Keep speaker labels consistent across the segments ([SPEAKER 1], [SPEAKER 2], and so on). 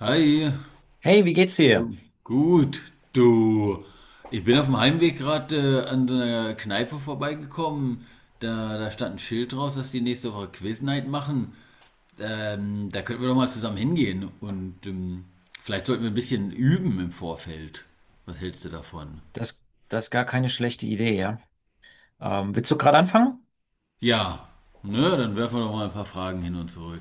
[SPEAKER 1] Hi,
[SPEAKER 2] Hey, wie geht's dir?
[SPEAKER 1] du- gut, du. Ich bin auf dem Heimweg gerade an so einer Kneipe vorbeigekommen. Da stand ein Schild draus, dass die nächste Woche Quiz machen. Da könnten wir doch mal zusammen hingehen und vielleicht sollten wir ein bisschen üben im Vorfeld. Was hältst du davon?
[SPEAKER 2] Das, das ist gar keine schlechte Idee, ja. Willst du gerade anfangen?
[SPEAKER 1] Ja, ne, dann werfen wir doch mal ein paar Fragen hin und zurück.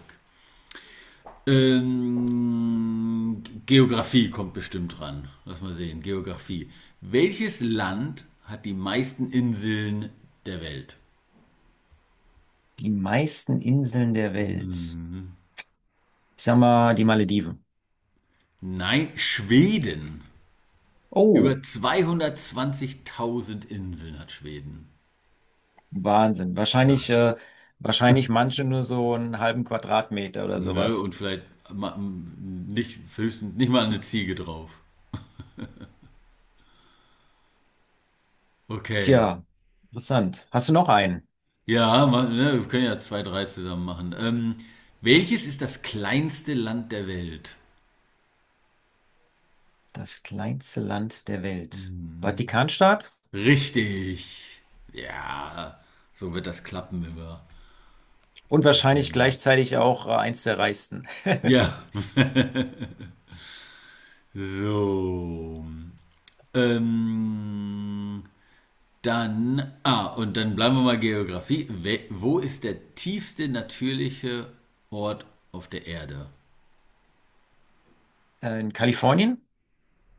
[SPEAKER 1] Geografie kommt bestimmt ran. Lass mal sehen. Geografie. Welches Land hat die meisten Inseln der Welt?
[SPEAKER 2] Die meisten Inseln der Welt. Ich sag mal, die Malediven.
[SPEAKER 1] Nein, Schweden. Über
[SPEAKER 2] Oh,
[SPEAKER 1] 220.000 Inseln hat Schweden.
[SPEAKER 2] Wahnsinn. Wahrscheinlich,
[SPEAKER 1] Krass.
[SPEAKER 2] wahrscheinlich manche nur so einen halben Quadratmeter oder
[SPEAKER 1] Ne,
[SPEAKER 2] sowas.
[SPEAKER 1] und vielleicht nicht, höchstens nicht mal eine Ziege drauf. Okay.
[SPEAKER 2] Tja, interessant. Hast du noch einen?
[SPEAKER 1] Ja, ne, wir können ja zwei, drei zusammen machen. Welches ist das kleinste Land der Welt?
[SPEAKER 2] Das kleinste Land der Welt.
[SPEAKER 1] Hm.
[SPEAKER 2] Vatikanstaat?
[SPEAKER 1] Richtig. Ja, so wird das klappen, wenn wir
[SPEAKER 2] Und wahrscheinlich
[SPEAKER 1] teilnehmen.
[SPEAKER 2] gleichzeitig auch eins der reichsten.
[SPEAKER 1] Ja. So. Ähm, und dann bleiben wir mal Geografie. Wo ist der tiefste natürliche Ort auf der Erde?
[SPEAKER 2] In Kalifornien?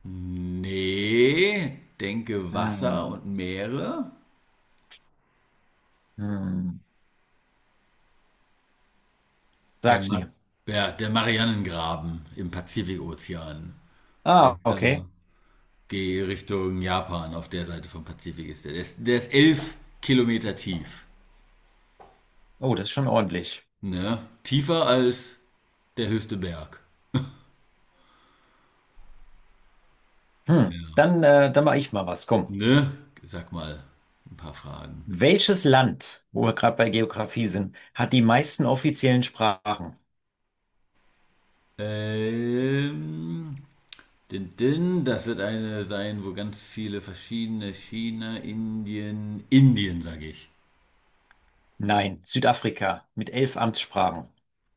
[SPEAKER 1] Nee, denke Wasser
[SPEAKER 2] Hm,
[SPEAKER 1] und Meere.
[SPEAKER 2] hm.
[SPEAKER 1] Der,
[SPEAKER 2] Sag's
[SPEAKER 1] Ma
[SPEAKER 2] mir.
[SPEAKER 1] Ja, der Marianengraben im Pazifikozean. Der
[SPEAKER 2] Ah,
[SPEAKER 1] ist
[SPEAKER 2] okay.
[SPEAKER 1] da. Die Richtung Japan auf der Seite vom Pazifik ist. Der ist 11 Kilometer tief.
[SPEAKER 2] Oh, das ist schon ordentlich.
[SPEAKER 1] Ne? Tiefer als der höchste Berg. Ja.
[SPEAKER 2] Hm, dann, dann mache ich mal was. Komm.
[SPEAKER 1] Ne? Sag mal ein paar Fragen.
[SPEAKER 2] Welches Land, wo wir gerade bei Geografie sind, hat die meisten offiziellen Sprachen?
[SPEAKER 1] Ähm, das wird eine sein, wo ganz viele verschiedene. China, Indien, sag ich.
[SPEAKER 2] Nein, Südafrika mit 11 Amtssprachen.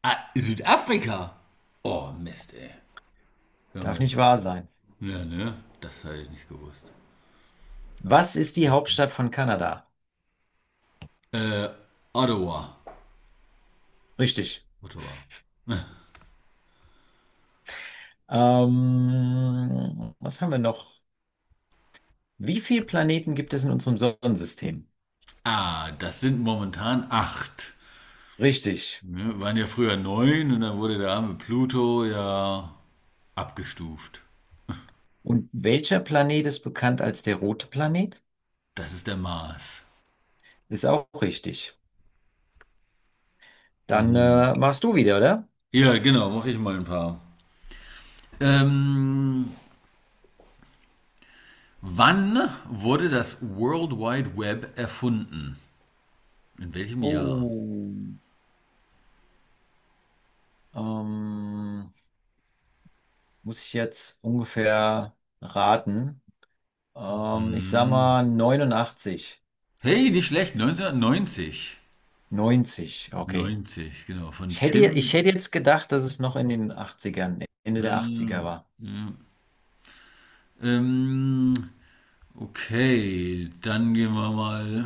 [SPEAKER 1] Ah, Südafrika? Oh, Mist, ey. Hör
[SPEAKER 2] Darf
[SPEAKER 1] mal.
[SPEAKER 2] nicht wahr sein.
[SPEAKER 1] Ja, ne? Das habe ich nicht gewusst.
[SPEAKER 2] Was ist die Hauptstadt von Kanada?
[SPEAKER 1] Äh, Ottawa.
[SPEAKER 2] Richtig.
[SPEAKER 1] Ottawa.
[SPEAKER 2] Was haben wir noch? Wie viele Planeten gibt es in unserem Sonnensystem?
[SPEAKER 1] Ah, das sind momentan acht.
[SPEAKER 2] Richtig.
[SPEAKER 1] Ne? Waren ja früher neun, und dann wurde der arme Pluto ja abgestuft.
[SPEAKER 2] Und welcher Planet ist bekannt als der rote Planet?
[SPEAKER 1] Das ist der Mars.
[SPEAKER 2] Ist auch richtig. Dann
[SPEAKER 1] Mhm.
[SPEAKER 2] machst du wieder, oder?
[SPEAKER 1] Ja, genau, mache ich mal ein paar. Ähm, wann wurde das World Wide Web erfunden? In welchem Jahr?
[SPEAKER 2] Oh, ähm, muss ich jetzt ungefähr raten? Ich sag
[SPEAKER 1] Hm.
[SPEAKER 2] mal 89,
[SPEAKER 1] Hey, nicht schlecht, 1990.
[SPEAKER 2] 90. Okay.
[SPEAKER 1] Neunzig genau,
[SPEAKER 2] Ich
[SPEAKER 1] von
[SPEAKER 2] hätte, ich
[SPEAKER 1] Tim.
[SPEAKER 2] hätte jetzt gedacht, dass es noch in den Achtzigern, Ende der Achtziger
[SPEAKER 1] Ähm,
[SPEAKER 2] war.
[SPEAKER 1] ja. ähm, Okay, dann gehen wir mal.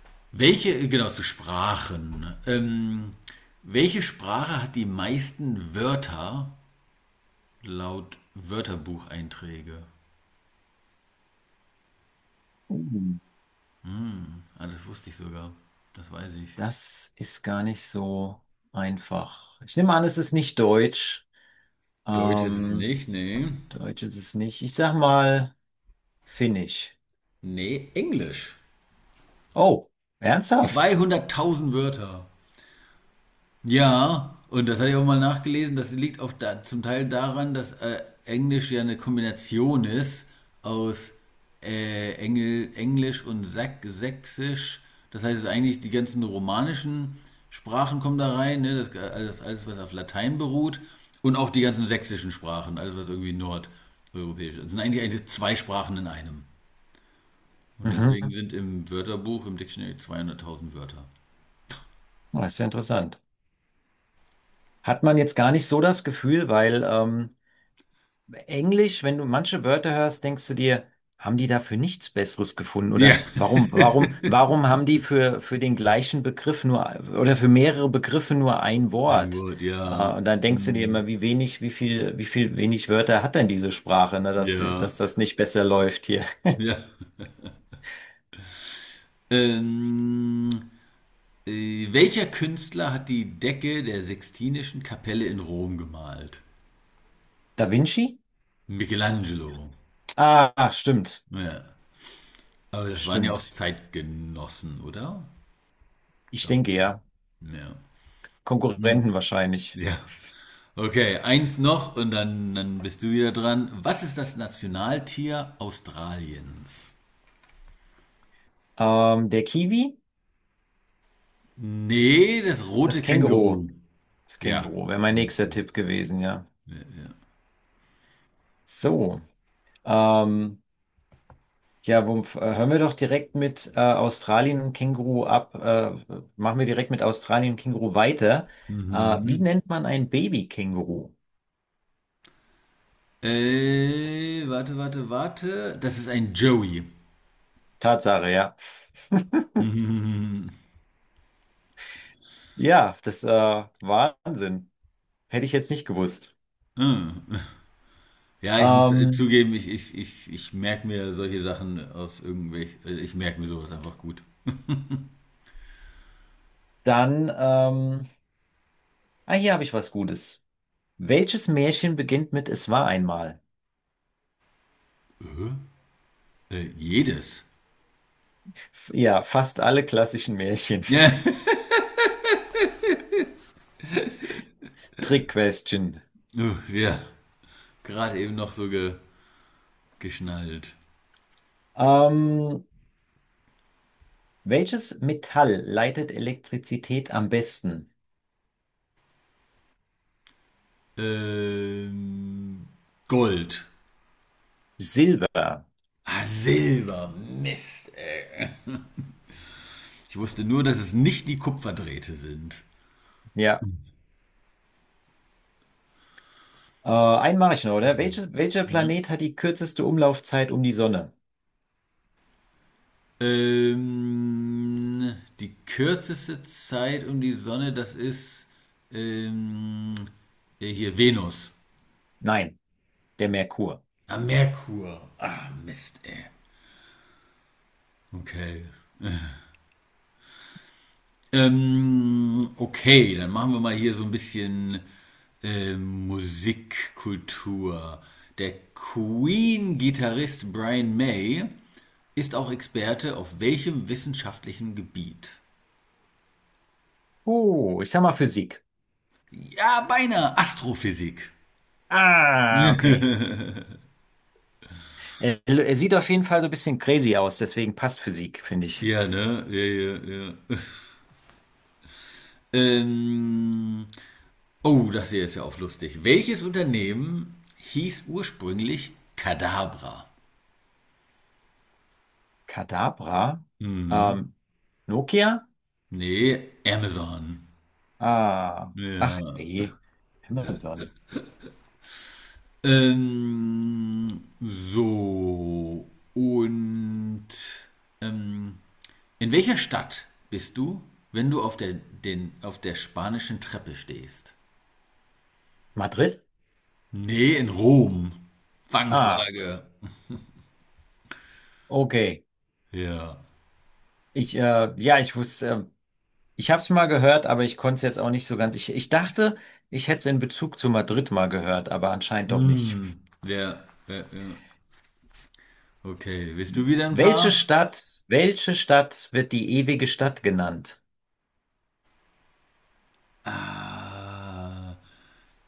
[SPEAKER 1] genau, zu Sprachen. Welche Sprache hat die meisten Wörter laut Wörterbucheinträge?
[SPEAKER 2] Uh,
[SPEAKER 1] Ah, das wusste ich sogar. Das weiß ich.
[SPEAKER 2] Das ist gar nicht so einfach. Ich nehme an, es ist nicht deutsch.
[SPEAKER 1] Deutsch ist es
[SPEAKER 2] Ähm,
[SPEAKER 1] nicht, nee.
[SPEAKER 2] Deutsch ist es nicht. Ich sag mal Finnisch.
[SPEAKER 1] Nee, Englisch.
[SPEAKER 2] Oh, ernsthaft?
[SPEAKER 1] 200.000 Wörter. Ja, und das hatte ich auch mal nachgelesen, das liegt auch da, zum Teil daran, dass Englisch ja eine Kombination ist aus Englisch und Sach Sächsisch. Das heißt, es ist eigentlich die ganzen romanischen Sprachen kommen da rein, ne? Das, alles, alles, was auf Latein beruht und auch die ganzen sächsischen Sprachen, alles, was irgendwie nordeuropäisch ist. Das sind eigentlich zwei Sprachen in einem. Und deswegen
[SPEAKER 2] Mhm.
[SPEAKER 1] sind im Wörterbuch, im Dictionary 200.000 Wörter.
[SPEAKER 2] Oh, das ist ja interessant. Hat man jetzt gar nicht so das Gefühl, weil Englisch, wenn du manche Wörter hörst, denkst du dir, haben die dafür nichts Besseres gefunden?
[SPEAKER 1] Ja.
[SPEAKER 2] Oder warum, warum, warum haben die für den gleichen Begriff nur oder für mehrere Begriffe nur ein
[SPEAKER 1] Ein
[SPEAKER 2] Wort?
[SPEAKER 1] Wort, ja.
[SPEAKER 2] Und dann denkst du dir immer,
[SPEAKER 1] Hm,
[SPEAKER 2] wie wenig, wie viel wenig Wörter hat denn diese Sprache, ne, dass
[SPEAKER 1] ja.
[SPEAKER 2] das nicht besser läuft hier.
[SPEAKER 1] Ja. Ähm, Welcher Künstler hat die Decke der Sixtinischen Kapelle in Rom gemalt?
[SPEAKER 2] Da Vinci?
[SPEAKER 1] Michelangelo.
[SPEAKER 2] Ah, stimmt.
[SPEAKER 1] Ja. Aber das waren ja auch
[SPEAKER 2] Stimmt.
[SPEAKER 1] Zeitgenossen, oder?
[SPEAKER 2] Ich
[SPEAKER 1] Glaube
[SPEAKER 2] denke
[SPEAKER 1] ich.
[SPEAKER 2] ja.
[SPEAKER 1] Ja. Hm.
[SPEAKER 2] Konkurrenten wahrscheinlich.
[SPEAKER 1] Ja. Okay, eins noch und dann, dann bist du wieder dran. Was ist das Nationaltier Australiens?
[SPEAKER 2] Der Kiwi,
[SPEAKER 1] Nee, das
[SPEAKER 2] das
[SPEAKER 1] rote
[SPEAKER 2] Känguru.
[SPEAKER 1] Känguru.
[SPEAKER 2] Das
[SPEAKER 1] Ja,
[SPEAKER 2] Känguru wäre mein nächster
[SPEAKER 1] richtig.
[SPEAKER 2] Tipp gewesen, ja. So. Ähm, ja, Wumpf, hören wir doch direkt mit Australien und Känguru ab. Machen wir direkt mit Australien und Känguru weiter. Wie
[SPEAKER 1] Mhm.
[SPEAKER 2] nennt man ein Baby-Känguru?
[SPEAKER 1] Warte, warte, warte. Das ist ein Joey.
[SPEAKER 2] Tatsache, ja.
[SPEAKER 1] Mhm.
[SPEAKER 2] Ja, das, Wahnsinn. Hätte ich jetzt nicht gewusst.
[SPEAKER 1] Ah. Ja, ich muss
[SPEAKER 2] Ähm,
[SPEAKER 1] zugeben, ich merke mir solche Sachen aus irgendwelch. Ich merke mir sowas einfach gut.
[SPEAKER 2] dann, ah, hier habe ich was Gutes. Welches Märchen beginnt mit „Es war einmal"?
[SPEAKER 1] Äh, jedes.
[SPEAKER 2] Ja, fast alle klassischen Märchen.
[SPEAKER 1] Ja.
[SPEAKER 2] Trick-Question.
[SPEAKER 1] Ja. Gerade eben noch so geschnallt.
[SPEAKER 2] Ähm, welches Metall leitet Elektrizität am besten?
[SPEAKER 1] Ähm, Gold.
[SPEAKER 2] Silber.
[SPEAKER 1] Ah, Silber. Mist, ey. Ich wusste nur, dass es nicht die Kupferdrähte sind.
[SPEAKER 2] Ja. Einen mache ich noch, oder? Welcher
[SPEAKER 1] Ne?
[SPEAKER 2] Planet hat die kürzeste Umlaufzeit um die Sonne?
[SPEAKER 1] Die kürzeste Zeit um die Sonne, das ist ähm, hier Venus.
[SPEAKER 2] Nein, der Merkur.
[SPEAKER 1] Ah, Merkur. Ah, Mist, ey. Okay. Okay, dann machen wir mal hier so ein bisschen Musikkultur. Der Queen-Gitarrist Brian May ist auch Experte auf welchem wissenschaftlichen Gebiet?
[SPEAKER 2] Oh, ich sag mal Physik.
[SPEAKER 1] Ja, beinahe Astrophysik.
[SPEAKER 2] Ah, okay. Er sieht auf jeden Fall so ein bisschen crazy aus, deswegen passt Physik, finde ich.
[SPEAKER 1] Ja, ne? Ja, ja, ja. Ähm, oh, das hier ist ja auch lustig. Welches Unternehmen hieß ursprünglich Kadabra?
[SPEAKER 2] Kadabra?
[SPEAKER 1] Mhm.
[SPEAKER 2] Ähm, Nokia?
[SPEAKER 1] Nee, Amazon.
[SPEAKER 2] Ah, ach
[SPEAKER 1] Ja.
[SPEAKER 2] je, Amazon.
[SPEAKER 1] So. Und ähm, in welcher Stadt bist du, wenn du auf der spanischen Treppe stehst?
[SPEAKER 2] Madrid?
[SPEAKER 1] Nee, in Rom.
[SPEAKER 2] Ah,
[SPEAKER 1] Fangfrage.
[SPEAKER 2] okay.
[SPEAKER 1] Ja.
[SPEAKER 2] Ich wusste, ich habe es mal gehört, aber ich konnte es jetzt auch nicht so ganz. Ich dachte, ich hätte es in Bezug zu Madrid mal gehört, aber anscheinend doch nicht.
[SPEAKER 1] Hm, ja, ja, ja. Okay, willst du wieder ein
[SPEAKER 2] Welche
[SPEAKER 1] paar?
[SPEAKER 2] Stadt, welche Stadt wird die ewige Stadt genannt?
[SPEAKER 1] Ah,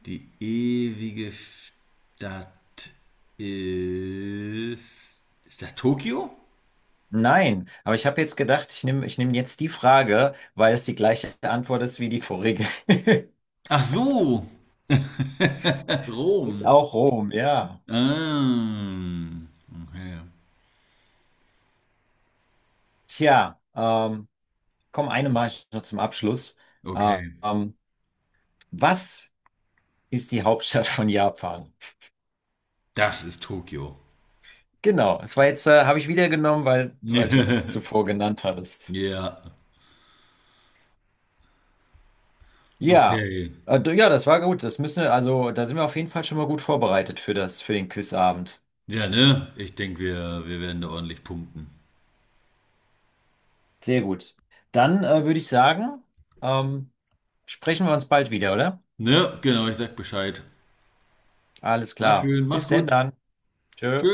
[SPEAKER 1] die ewige Stadt ist. Ist das Tokio?
[SPEAKER 2] Nein, aber ich habe jetzt gedacht, ich nehm jetzt die Frage, weil es die gleiche Antwort ist wie die vorige.
[SPEAKER 1] Ach so,
[SPEAKER 2] Ist
[SPEAKER 1] Rom.
[SPEAKER 2] auch Rom, ja.
[SPEAKER 1] Ähm, okay.
[SPEAKER 2] Tja, komm, eine mache ich noch zum Abschluss.
[SPEAKER 1] Okay,
[SPEAKER 2] Ähm, was ist die Hauptstadt von Japan?
[SPEAKER 1] das ist Tokio.
[SPEAKER 2] Genau, es war jetzt, habe ich wieder genommen, weil, weil du das zuvor genannt hattest.
[SPEAKER 1] Ja,
[SPEAKER 2] Ja,
[SPEAKER 1] okay.
[SPEAKER 2] ja, das war gut. Das müssen wir, also da sind wir auf jeden Fall schon mal gut vorbereitet für das, für den Quizabend.
[SPEAKER 1] Ja, ne? Ich denke, wir werden da ordentlich punkten.
[SPEAKER 2] Sehr gut. Dann würde ich sagen, ähm, sprechen wir uns bald wieder, oder?
[SPEAKER 1] Ne? Genau, ich sag Bescheid.
[SPEAKER 2] Alles
[SPEAKER 1] War
[SPEAKER 2] klar.
[SPEAKER 1] schön, mach's
[SPEAKER 2] Bis denn
[SPEAKER 1] gut.
[SPEAKER 2] dann. Tschö.
[SPEAKER 1] Tschö.